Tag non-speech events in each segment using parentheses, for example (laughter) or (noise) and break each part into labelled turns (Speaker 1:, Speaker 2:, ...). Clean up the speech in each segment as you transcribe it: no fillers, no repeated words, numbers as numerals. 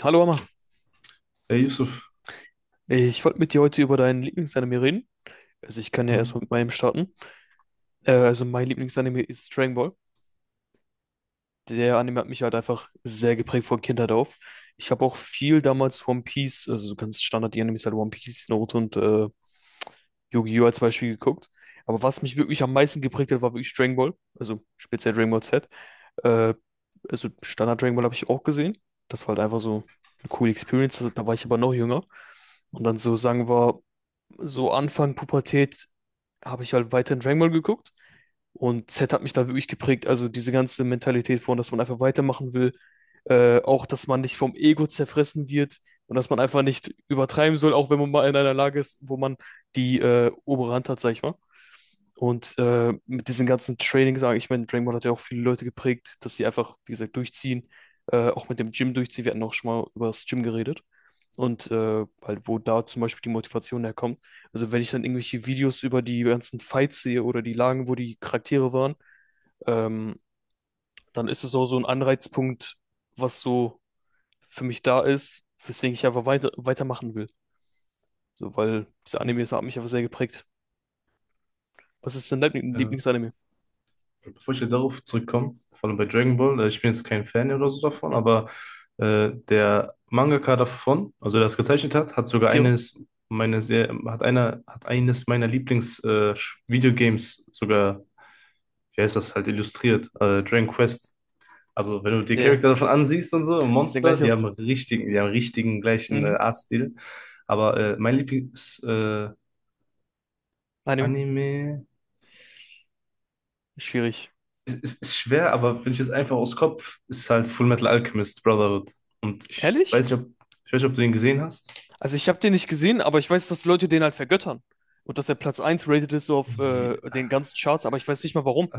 Speaker 1: Hallo Amma,
Speaker 2: Ey, Yusuf,
Speaker 1: ich wollte mit dir heute über deinen Lieblingsanime reden. Also ich kann ja
Speaker 2: hm,
Speaker 1: erstmal mit meinem starten. Also mein Lieblingsanime ist Dragon Ball. Der Anime hat mich halt einfach sehr geprägt von Kindheit auf. Ich habe auch viel damals One Piece, also so ganz Standard die Animes halt One Piece, Naruto und Yu-Gi-Oh! Als Beispiel geguckt. Aber was mich wirklich am meisten geprägt hat, war wirklich Dragon Ball. Also speziell Dragon Ball Z. Äh, also Standard Dragon Ball habe ich auch gesehen. Das war halt einfach so eine coole Experience. Also, da war ich aber noch jünger. Und dann so sagen wir so Anfang Pubertät habe ich halt weiterhin Dragon Ball geguckt und Z hat mich da wirklich geprägt. Also diese ganze Mentalität von, dass man einfach weitermachen will, auch dass man nicht vom Ego zerfressen wird und dass man einfach nicht übertreiben soll, auch wenn man mal in einer Lage ist, wo man die obere Hand hat, sag ich mal. Und mit diesen ganzen Trainings, sage ich, ich meine, Dragon Ball hat ja auch viele Leute geprägt, dass sie einfach, wie gesagt, durchziehen, auch mit dem Gym durchziehen. Wir hatten auch schon mal über das Gym geredet. Und halt, wo da zum Beispiel die Motivation herkommt. Also wenn ich dann irgendwelche Videos über die ganzen Fights sehe oder die Lagen, wo die Charaktere waren, ähm, dann ist es auch so ein Anreizpunkt, was so für mich da ist, weswegen ich einfach weitermachen will. So, weil dieser Anime, das hat mich einfach sehr geprägt. Was ist dein Lieblings-
Speaker 2: ja.
Speaker 1: Lieblingsanime?
Speaker 2: Bevor ich hier darauf zurückkomme, vor allem bei Dragon Ball, ich bin jetzt kein Fan oder so davon,
Speaker 1: Hm?
Speaker 2: aber der Mangaka davon, also der es gezeichnet hat, hat sogar
Speaker 1: Akira?
Speaker 2: eines meiner sehr, hat einer, hat eines meiner Lieblings Videogames sogar, wie heißt das halt, illustriert, Dragon Quest. Also wenn du die
Speaker 1: Nee.
Speaker 2: Charakter davon ansiehst und so,
Speaker 1: Sieht
Speaker 2: Monster,
Speaker 1: gleich aus.
Speaker 2: die haben richtigen gleichen
Speaker 1: Mhm.
Speaker 2: Artstil. Aber mein Lieblings
Speaker 1: Anime.
Speaker 2: Anime.
Speaker 1: Schwierig.
Speaker 2: Es ist schwer, aber wenn ich jetzt einfach aus Kopf, ist halt Full Metal Alchemist Brotherhood. Und
Speaker 1: Ehrlich?
Speaker 2: ich weiß nicht, ob du den gesehen hast.
Speaker 1: Also ich habe den nicht gesehen, aber ich weiß, dass Leute den halt vergöttern. Und dass er Platz eins rated ist so auf
Speaker 2: Ja,
Speaker 1: den ganzen Charts, aber ich weiß nicht mal warum.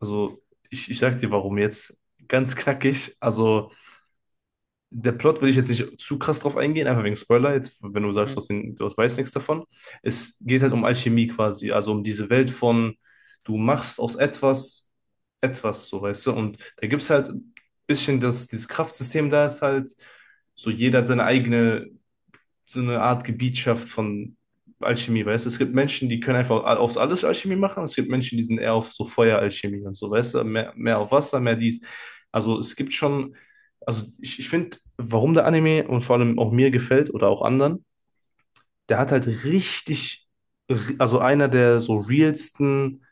Speaker 2: also, ich sag dir, warum jetzt. Ganz knackig. Also, der Plot will ich jetzt nicht zu krass drauf eingehen, einfach wegen Spoiler. Jetzt, wenn du sagst,
Speaker 1: Mhm.
Speaker 2: du weißt nichts davon. Es geht halt um Alchemie quasi. Also, um diese Welt von, du machst aus etwas etwas, so, weißt du. Und da gibt es halt ein bisschen dass dieses Kraftsystem, da ist halt so, jeder hat seine eigene so eine Art Gebietschaft von Alchemie, weißt du? Es gibt Menschen, die können einfach aufs alles Alchemie machen, und es gibt Menschen, die sind eher auf so Feueralchemie und so, weißt du? Mehr, mehr auf Wasser, mehr dies. Also es gibt schon, also ich finde, warum der Anime und vor allem auch mir gefällt oder auch anderen, der hat halt richtig, also einer der so realsten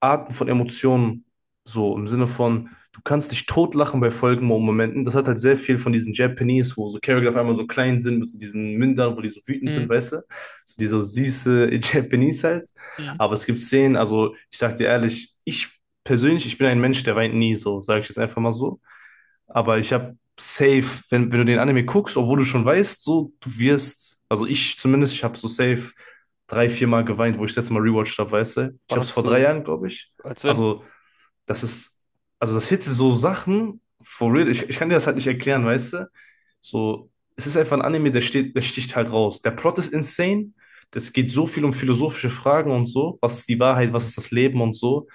Speaker 2: Arten von Emotionen, so im Sinne von, du kannst dich totlachen bei folgenden Momenten. Das hat halt sehr viel von diesen Japanese, wo so Charakter auf einmal so klein sind, mit so diesen Mündern, wo die so wütend sind,
Speaker 1: Mhm.
Speaker 2: weißt du? So
Speaker 1: Ja.
Speaker 2: dieser süße (laughs) Japanese halt.
Speaker 1: Mhm.
Speaker 2: Aber es gibt Szenen, also ich sag dir ehrlich, ich persönlich, ich bin ein Mensch, der weint nie, so sage ich jetzt einfach mal so. Aber ich habe safe, wenn du den Anime guckst, obwohl du schon weißt, so, du wirst, also ich zumindest, ich habe so safe drei, vier Mal geweint, wo ich das letzte Mal rewatcht habe, weißt du?
Speaker 1: War
Speaker 2: Ich habe es
Speaker 1: das
Speaker 2: vor drei
Speaker 1: so,
Speaker 2: Jahren, glaube ich.
Speaker 1: als wenn?
Speaker 2: Also, das ist, also das hätte so Sachen, for real, ich kann dir das halt nicht erklären, weißt du? So, es ist einfach ein Anime, der sticht halt raus. Der Plot ist insane. Es geht so viel um philosophische Fragen und so. Was ist die Wahrheit? Was ist das Leben und so?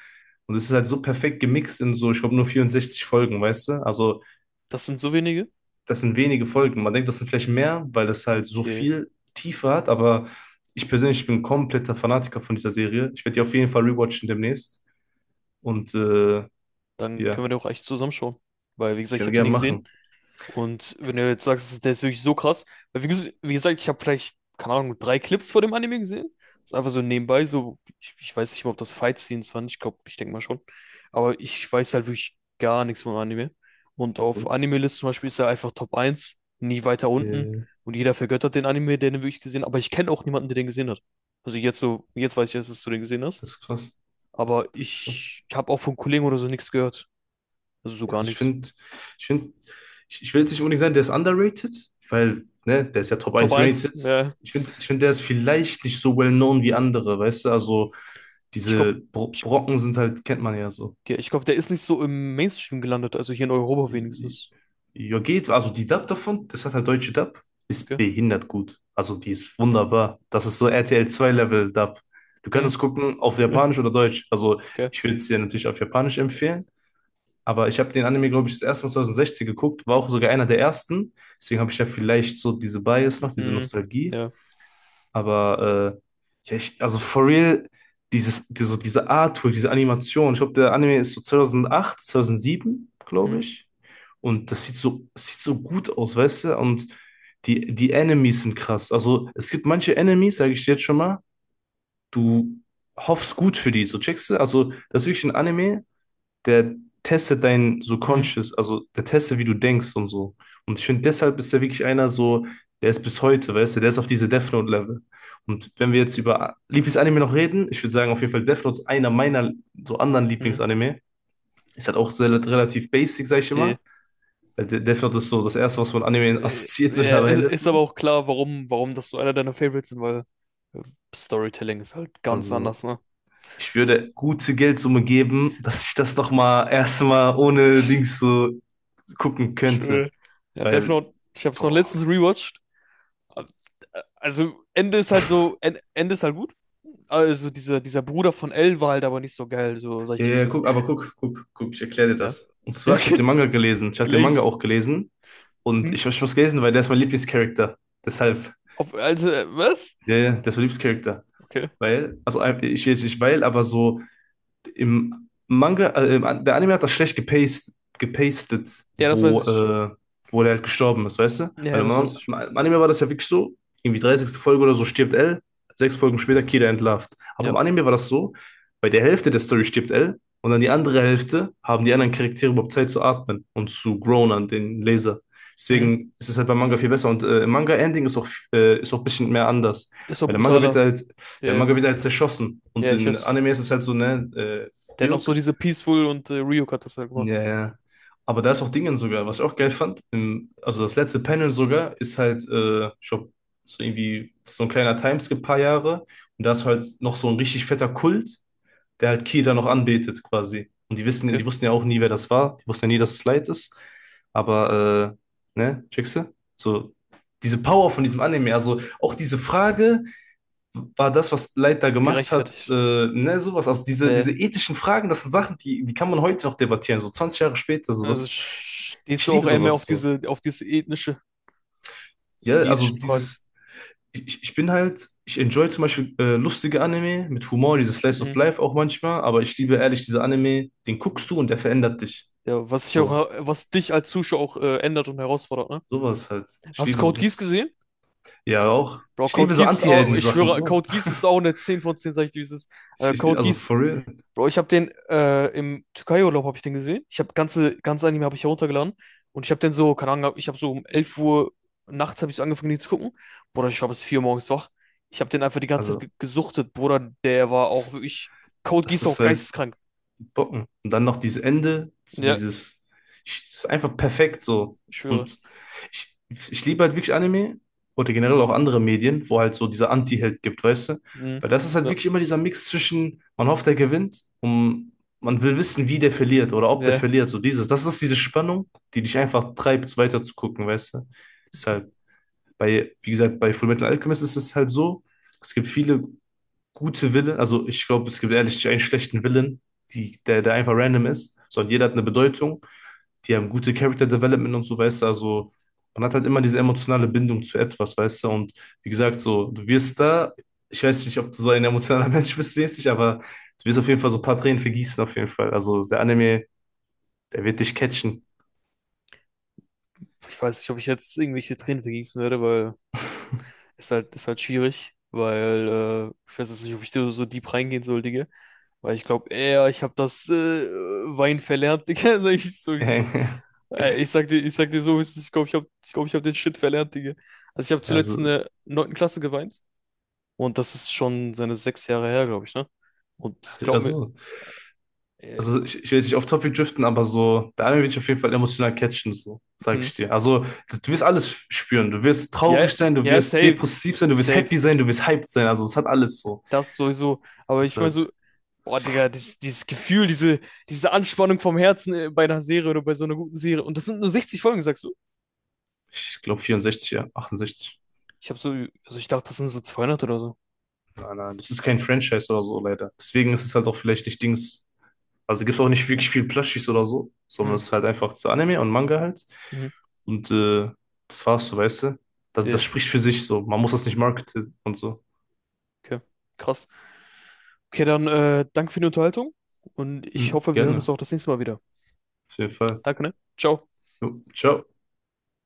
Speaker 2: Und es ist halt so perfekt gemixt in so, ich glaube, nur 64 Folgen, weißt du? Also,
Speaker 1: Das sind so wenige?
Speaker 2: das sind wenige Folgen. Man denkt, das sind vielleicht mehr, weil das halt so
Speaker 1: Okay,
Speaker 2: viel Tiefe hat, aber ich persönlich bin kompletter Fanatiker von dieser Serie. Ich werde die auf jeden Fall rewatchen demnächst und
Speaker 1: dann können
Speaker 2: ja,
Speaker 1: wir doch echt zusammenschauen. Weil, wie gesagt, ich
Speaker 2: können
Speaker 1: habe den
Speaker 2: wir
Speaker 1: nie
Speaker 2: gerne
Speaker 1: gesehen.
Speaker 2: machen.
Speaker 1: Und wenn du jetzt sagst, der ist wirklich so krass, weil wie gesagt, ich habe vielleicht, keine Ahnung, drei Clips vor dem Anime gesehen. Das ist einfach so nebenbei, so, ich weiß nicht mal, ob das Fight-Scenes waren, ich glaube, ich denke mal schon. Aber ich weiß halt wirklich gar nichts vom Anime. Und auf
Speaker 2: So,
Speaker 1: Anime-List zum Beispiel ist er einfach Top eins, nie weiter unten.
Speaker 2: äh,
Speaker 1: Und jeder vergöttert den Anime, der den wirklich gesehen hat. Aber ich kenne auch niemanden, der den gesehen hat. Also jetzt so, jetzt weiß ich erst, dass du den gesehen hast.
Speaker 2: das ist krass,
Speaker 1: Aber
Speaker 2: das ist krass.
Speaker 1: ich habe auch von Kollegen oder so nichts gehört. Also so
Speaker 2: Ja,
Speaker 1: gar
Speaker 2: also ich
Speaker 1: nichts.
Speaker 2: finde, ich finde, ich will jetzt nicht unbedingt sagen, der ist underrated, weil, ne, der ist ja Top
Speaker 1: Top
Speaker 2: eins
Speaker 1: eins,
Speaker 2: rated.
Speaker 1: ja.
Speaker 2: Ich finde der ist vielleicht nicht so well known wie andere, weißt du? Also
Speaker 1: Ich glaube,
Speaker 2: diese Brocken sind halt, kennt man ja so.
Speaker 1: ja ich glaube, der ist nicht so im Mainstream gelandet, also hier in Europa wenigstens.
Speaker 2: Ja, geht. Also die Dub davon, das hat halt deutsche Dub, ist
Speaker 1: Okay.
Speaker 2: behindert gut. Also die ist wunderbar. Das ist so RTL 2 Level Dub. Du kannst
Speaker 1: Hm.
Speaker 2: es gucken auf
Speaker 1: Ja.
Speaker 2: Japanisch oder Deutsch. Also
Speaker 1: Okay.
Speaker 2: ich würde es dir natürlich auf Japanisch empfehlen. Aber ich habe den Anime, glaube ich, das erste Mal 2016 geguckt, war auch sogar einer der ersten. Deswegen habe ich ja vielleicht so diese Bias noch, diese
Speaker 1: Hm.
Speaker 2: Nostalgie.
Speaker 1: Ja.
Speaker 2: Aber ja, also for real, diese Artwork, diese Animation, ich glaube, der Anime ist so 2008, 2007,
Speaker 1: Hm.
Speaker 2: glaube ich. Und das sieht so gut aus, weißt du? Und die Enemies sind krass. Also es gibt manche Enemies, sage ich dir jetzt schon mal, du hoffst gut für die, so checkst du? Also das ist wirklich ein Anime, der testet dein
Speaker 1: Hm.
Speaker 2: Subconscious, also der testet, wie du denkst und so. Und ich finde, deshalb ist er wirklich einer so, der ist bis heute, weißt du, der ist auf diese Death Note-Level. Und wenn wir jetzt über Leafys Anime noch reden, ich würde sagen, auf jeden Fall Death Note ist einer meiner so anderen
Speaker 1: Hm.
Speaker 2: Lieblingsanime. Ist halt auch sehr, relativ basic, sag ich
Speaker 1: Die,
Speaker 2: immer. Weil Death Note ist so das erste, was man Anime assoziiert (laughs)
Speaker 1: ja, ist,
Speaker 2: mittlerweile.
Speaker 1: ist aber
Speaker 2: So.
Speaker 1: auch klar, warum das so einer deiner Favorites sind, weil äh, Storytelling ist halt ganz
Speaker 2: Also,
Speaker 1: anders, ne?
Speaker 2: ich würde gute Geldsumme geben, dass ich das nochmal erstmal ohne Dings so gucken könnte.
Speaker 1: Schön. Ja, Death
Speaker 2: Weil,
Speaker 1: Note, ich habe es noch
Speaker 2: boah,
Speaker 1: letztens rewatcht. Also, Ende ist halt so, Ende ist halt gut. Also, dieser Bruder von L war halt aber nicht so geil, so sag ich
Speaker 2: ja,
Speaker 1: dir, wie es
Speaker 2: ja,
Speaker 1: ist.
Speaker 2: guck, aber guck, guck, guck, ich erkläre dir
Speaker 1: Ja.
Speaker 2: das. Und
Speaker 1: Ja,
Speaker 2: zwar, ich habe den
Speaker 1: okay.
Speaker 2: Manga gelesen. Ich habe den Manga
Speaker 1: Glaze.
Speaker 2: auch gelesen. Und
Speaker 1: Hm?
Speaker 2: ich habe was gelesen, weil der ist mein Lieblingscharakter. Deshalb,
Speaker 1: Auf, also, was?
Speaker 2: ja, ja, der ist mein Lieblingscharakter.
Speaker 1: Okay.
Speaker 2: Weil, also ich jetzt nicht weil, aber so, im Manga, der Anime hat das schlecht gepastet,
Speaker 1: Ja, das weiß
Speaker 2: wo,
Speaker 1: ich.
Speaker 2: wo der halt gestorben ist, weißt du? Weil
Speaker 1: Ja,
Speaker 2: im,
Speaker 1: das weiß
Speaker 2: Man
Speaker 1: ich.
Speaker 2: Im Anime war das ja wirklich so, irgendwie 30. Folge oder so stirbt L, sechs Folgen später Kira entlarvt. Aber
Speaker 1: Ja.
Speaker 2: im Anime war das so, bei der Hälfte der Story stirbt L und dann die andere Hälfte haben die anderen Charaktere überhaupt Zeit zu atmen und zu grown an den Leser.
Speaker 1: Mhm.
Speaker 2: Deswegen ist es halt beim Manga viel besser und im Manga-Ending ist auch ein bisschen mehr anders.
Speaker 1: Ist doch
Speaker 2: Weil der Manga wird
Speaker 1: brutaler.
Speaker 2: halt
Speaker 1: Ja,
Speaker 2: Zerschossen. Und
Speaker 1: ja, ich
Speaker 2: in
Speaker 1: weiß.
Speaker 2: Anime ist es halt so, ne,
Speaker 1: Der hat noch so
Speaker 2: Ryuk.
Speaker 1: diese Peaceful und Ryuk hat das ja gemacht.
Speaker 2: Ja, ja. Aber da ist auch Dingen sogar, was ich auch geil fand. Also das letzte Panel sogar ist halt, ich glaub, so irgendwie so ein kleiner Timeskip, paar Jahre. Und da ist halt noch so ein richtig fetter Kult, der halt Kira noch anbetet quasi. Und
Speaker 1: Okay.
Speaker 2: die wussten ja auch nie, wer das war. Die wussten ja nie, dass es Light ist. Aber, ne, checkst du? So, diese Power von diesem Anime, also auch diese Frage, war das, was Leiter gemacht hat,
Speaker 1: Gerechtfertigt.
Speaker 2: ne, sowas. Also
Speaker 1: Äh,
Speaker 2: diese ethischen Fragen, das sind Sachen, die kann man heute noch debattieren, so 20 Jahre später. So
Speaker 1: also
Speaker 2: das,
Speaker 1: stehst
Speaker 2: ich
Speaker 1: du auch
Speaker 2: liebe
Speaker 1: eher mehr auf
Speaker 2: sowas so.
Speaker 1: auf diese ethnische, also
Speaker 2: Ja,
Speaker 1: die ethischen
Speaker 2: also
Speaker 1: Fragen.
Speaker 2: ich bin halt, ich enjoy zum Beispiel lustige Anime mit Humor, dieses Slice of
Speaker 1: Mhm.
Speaker 2: Life auch manchmal, aber ich liebe ehrlich diese Anime, den guckst du und der verändert dich.
Speaker 1: Ja, was sich
Speaker 2: So,
Speaker 1: auch, was dich als Zuschauer auch ändert und herausfordert, ne?
Speaker 2: sowas halt. Ich
Speaker 1: Hast du
Speaker 2: liebe
Speaker 1: Code Geass
Speaker 2: sowas.
Speaker 1: gesehen?
Speaker 2: Ja, auch.
Speaker 1: Bro,
Speaker 2: Ich
Speaker 1: Code
Speaker 2: liebe so
Speaker 1: Geass, ich
Speaker 2: Anti-Helden-Sachen
Speaker 1: schwöre,
Speaker 2: so.
Speaker 1: Code Geass ist auch eine 10 von 10, sag ich dir, wie es ist.
Speaker 2: Ich, ich,
Speaker 1: Code
Speaker 2: also
Speaker 1: Geass
Speaker 2: for real.
Speaker 1: Bro, ich habe den im Türkei-Urlaub habe ich den gesehen. Ich habe ganze Anime habe ich heruntergeladen und ich habe den so, keine Ahnung, ich habe so um 11 Uhr nachts habe ich so angefangen den zu gucken. Bruder, ich war bis 4 Uhr morgens wach. Ich habe den einfach die ganze Zeit
Speaker 2: Also,
Speaker 1: ge gesuchtet, Bruder, der war auch
Speaker 2: das,
Speaker 1: wirklich Code
Speaker 2: das
Speaker 1: Geass auch
Speaker 2: ist halt.
Speaker 1: geisteskrank.
Speaker 2: Bocken. Und dann noch dieses Ende,
Speaker 1: Ja,
Speaker 2: das ist einfach perfekt so.
Speaker 1: ich schwöre.
Speaker 2: Und ich, ich liebe halt wirklich Anime oder generell auch andere Medien, wo halt so dieser Anti-Held gibt, weißt du?
Speaker 1: Mhm.
Speaker 2: Weil das ist halt
Speaker 1: Ja.
Speaker 2: wirklich immer dieser Mix zwischen, man hofft, er gewinnt und man will wissen, wie der verliert oder ob der
Speaker 1: Ja.
Speaker 2: verliert. So das ist diese Spannung, die dich einfach treibt, weiter zu gucken, weißt du? Deshalb, bei, wie gesagt, bei Fullmetal Alchemist ist es halt so, es gibt viele gute Willen, also ich glaube, es gibt ehrlich einen schlechten Willen, der einfach random ist, sondern jeder hat eine Bedeutung, die haben gute Character Development und so, weißt du, also man hat halt immer diese emotionale Bindung zu etwas, weißt du, und wie gesagt, so, du wirst da, ich weiß nicht, ob du so ein emotionaler (laughs) Mensch bist, mäßig, aber du wirst auf jeden Fall so ein paar Tränen vergießen, auf jeden Fall, also der Anime, der wird dich catchen.
Speaker 1: Ich weiß nicht, ob ich jetzt irgendwelche Tränen vergießen werde, weil es ist halt schwierig, weil ich weiß jetzt nicht, ob ich da so deep reingehen soll, Digga. Weil ich glaube eher, ich habe das Wein verlernt, Digga. (laughs) Sag ich, so, es ist,
Speaker 2: (laughs)
Speaker 1: Ey, ich sag dir so, wie es ist. Ich glaube, ich habe ich glaub, ich hab den Shit verlernt, Digga. Also ich habe
Speaker 2: Ja,
Speaker 1: zuletzt in
Speaker 2: so,
Speaker 1: der 9. Klasse geweint. Und das ist schon seine 6 Jahre her, glaube ich, ne? Und
Speaker 2: also,
Speaker 1: glaub mir,
Speaker 2: also
Speaker 1: äh,
Speaker 2: also ich will jetzt nicht auf Topic driften, aber so, der Anime wird dich auf jeden Fall emotional catchen, so, sag
Speaker 1: hm,
Speaker 2: ich dir. Also, du wirst alles spüren. Du wirst
Speaker 1: ja,
Speaker 2: traurig sein, du
Speaker 1: ja,
Speaker 2: wirst
Speaker 1: safe.
Speaker 2: depressiv sein, du wirst
Speaker 1: Safe.
Speaker 2: happy sein, du wirst hyped sein. Also, es hat alles so.
Speaker 1: Das sowieso. Aber ich meine
Speaker 2: Deshalb,
Speaker 1: so, boah, Digga, dieses Gefühl, diese Anspannung vom Herzen bei einer Serie oder bei so einer guten Serie. Und das sind nur 60 Folgen, sagst du?
Speaker 2: ich glaube 64, ja, 68.
Speaker 1: Ich habe so, also ich dachte, das sind so 200 oder so.
Speaker 2: Nein, nein, das ist kein Franchise oder so, leider. Deswegen ist es halt auch vielleicht nicht Dings. Also gibt es auch nicht wirklich viel Plushies oder so, sondern
Speaker 1: Hm.
Speaker 2: es ist halt einfach zu Anime und Manga halt.
Speaker 1: Mhm.
Speaker 2: Und das war's, so weißt du. Das,
Speaker 1: Nee,
Speaker 2: das spricht für sich so. Man muss das nicht marketen und so.
Speaker 1: okay. Krass. Okay, dann danke für die Unterhaltung und ich
Speaker 2: Hm,
Speaker 1: hoffe, wir hören uns
Speaker 2: gerne,
Speaker 1: auch das nächste Mal wieder.
Speaker 2: auf jeden Fall.
Speaker 1: Danke, ne? Ciao.
Speaker 2: Jo, ciao.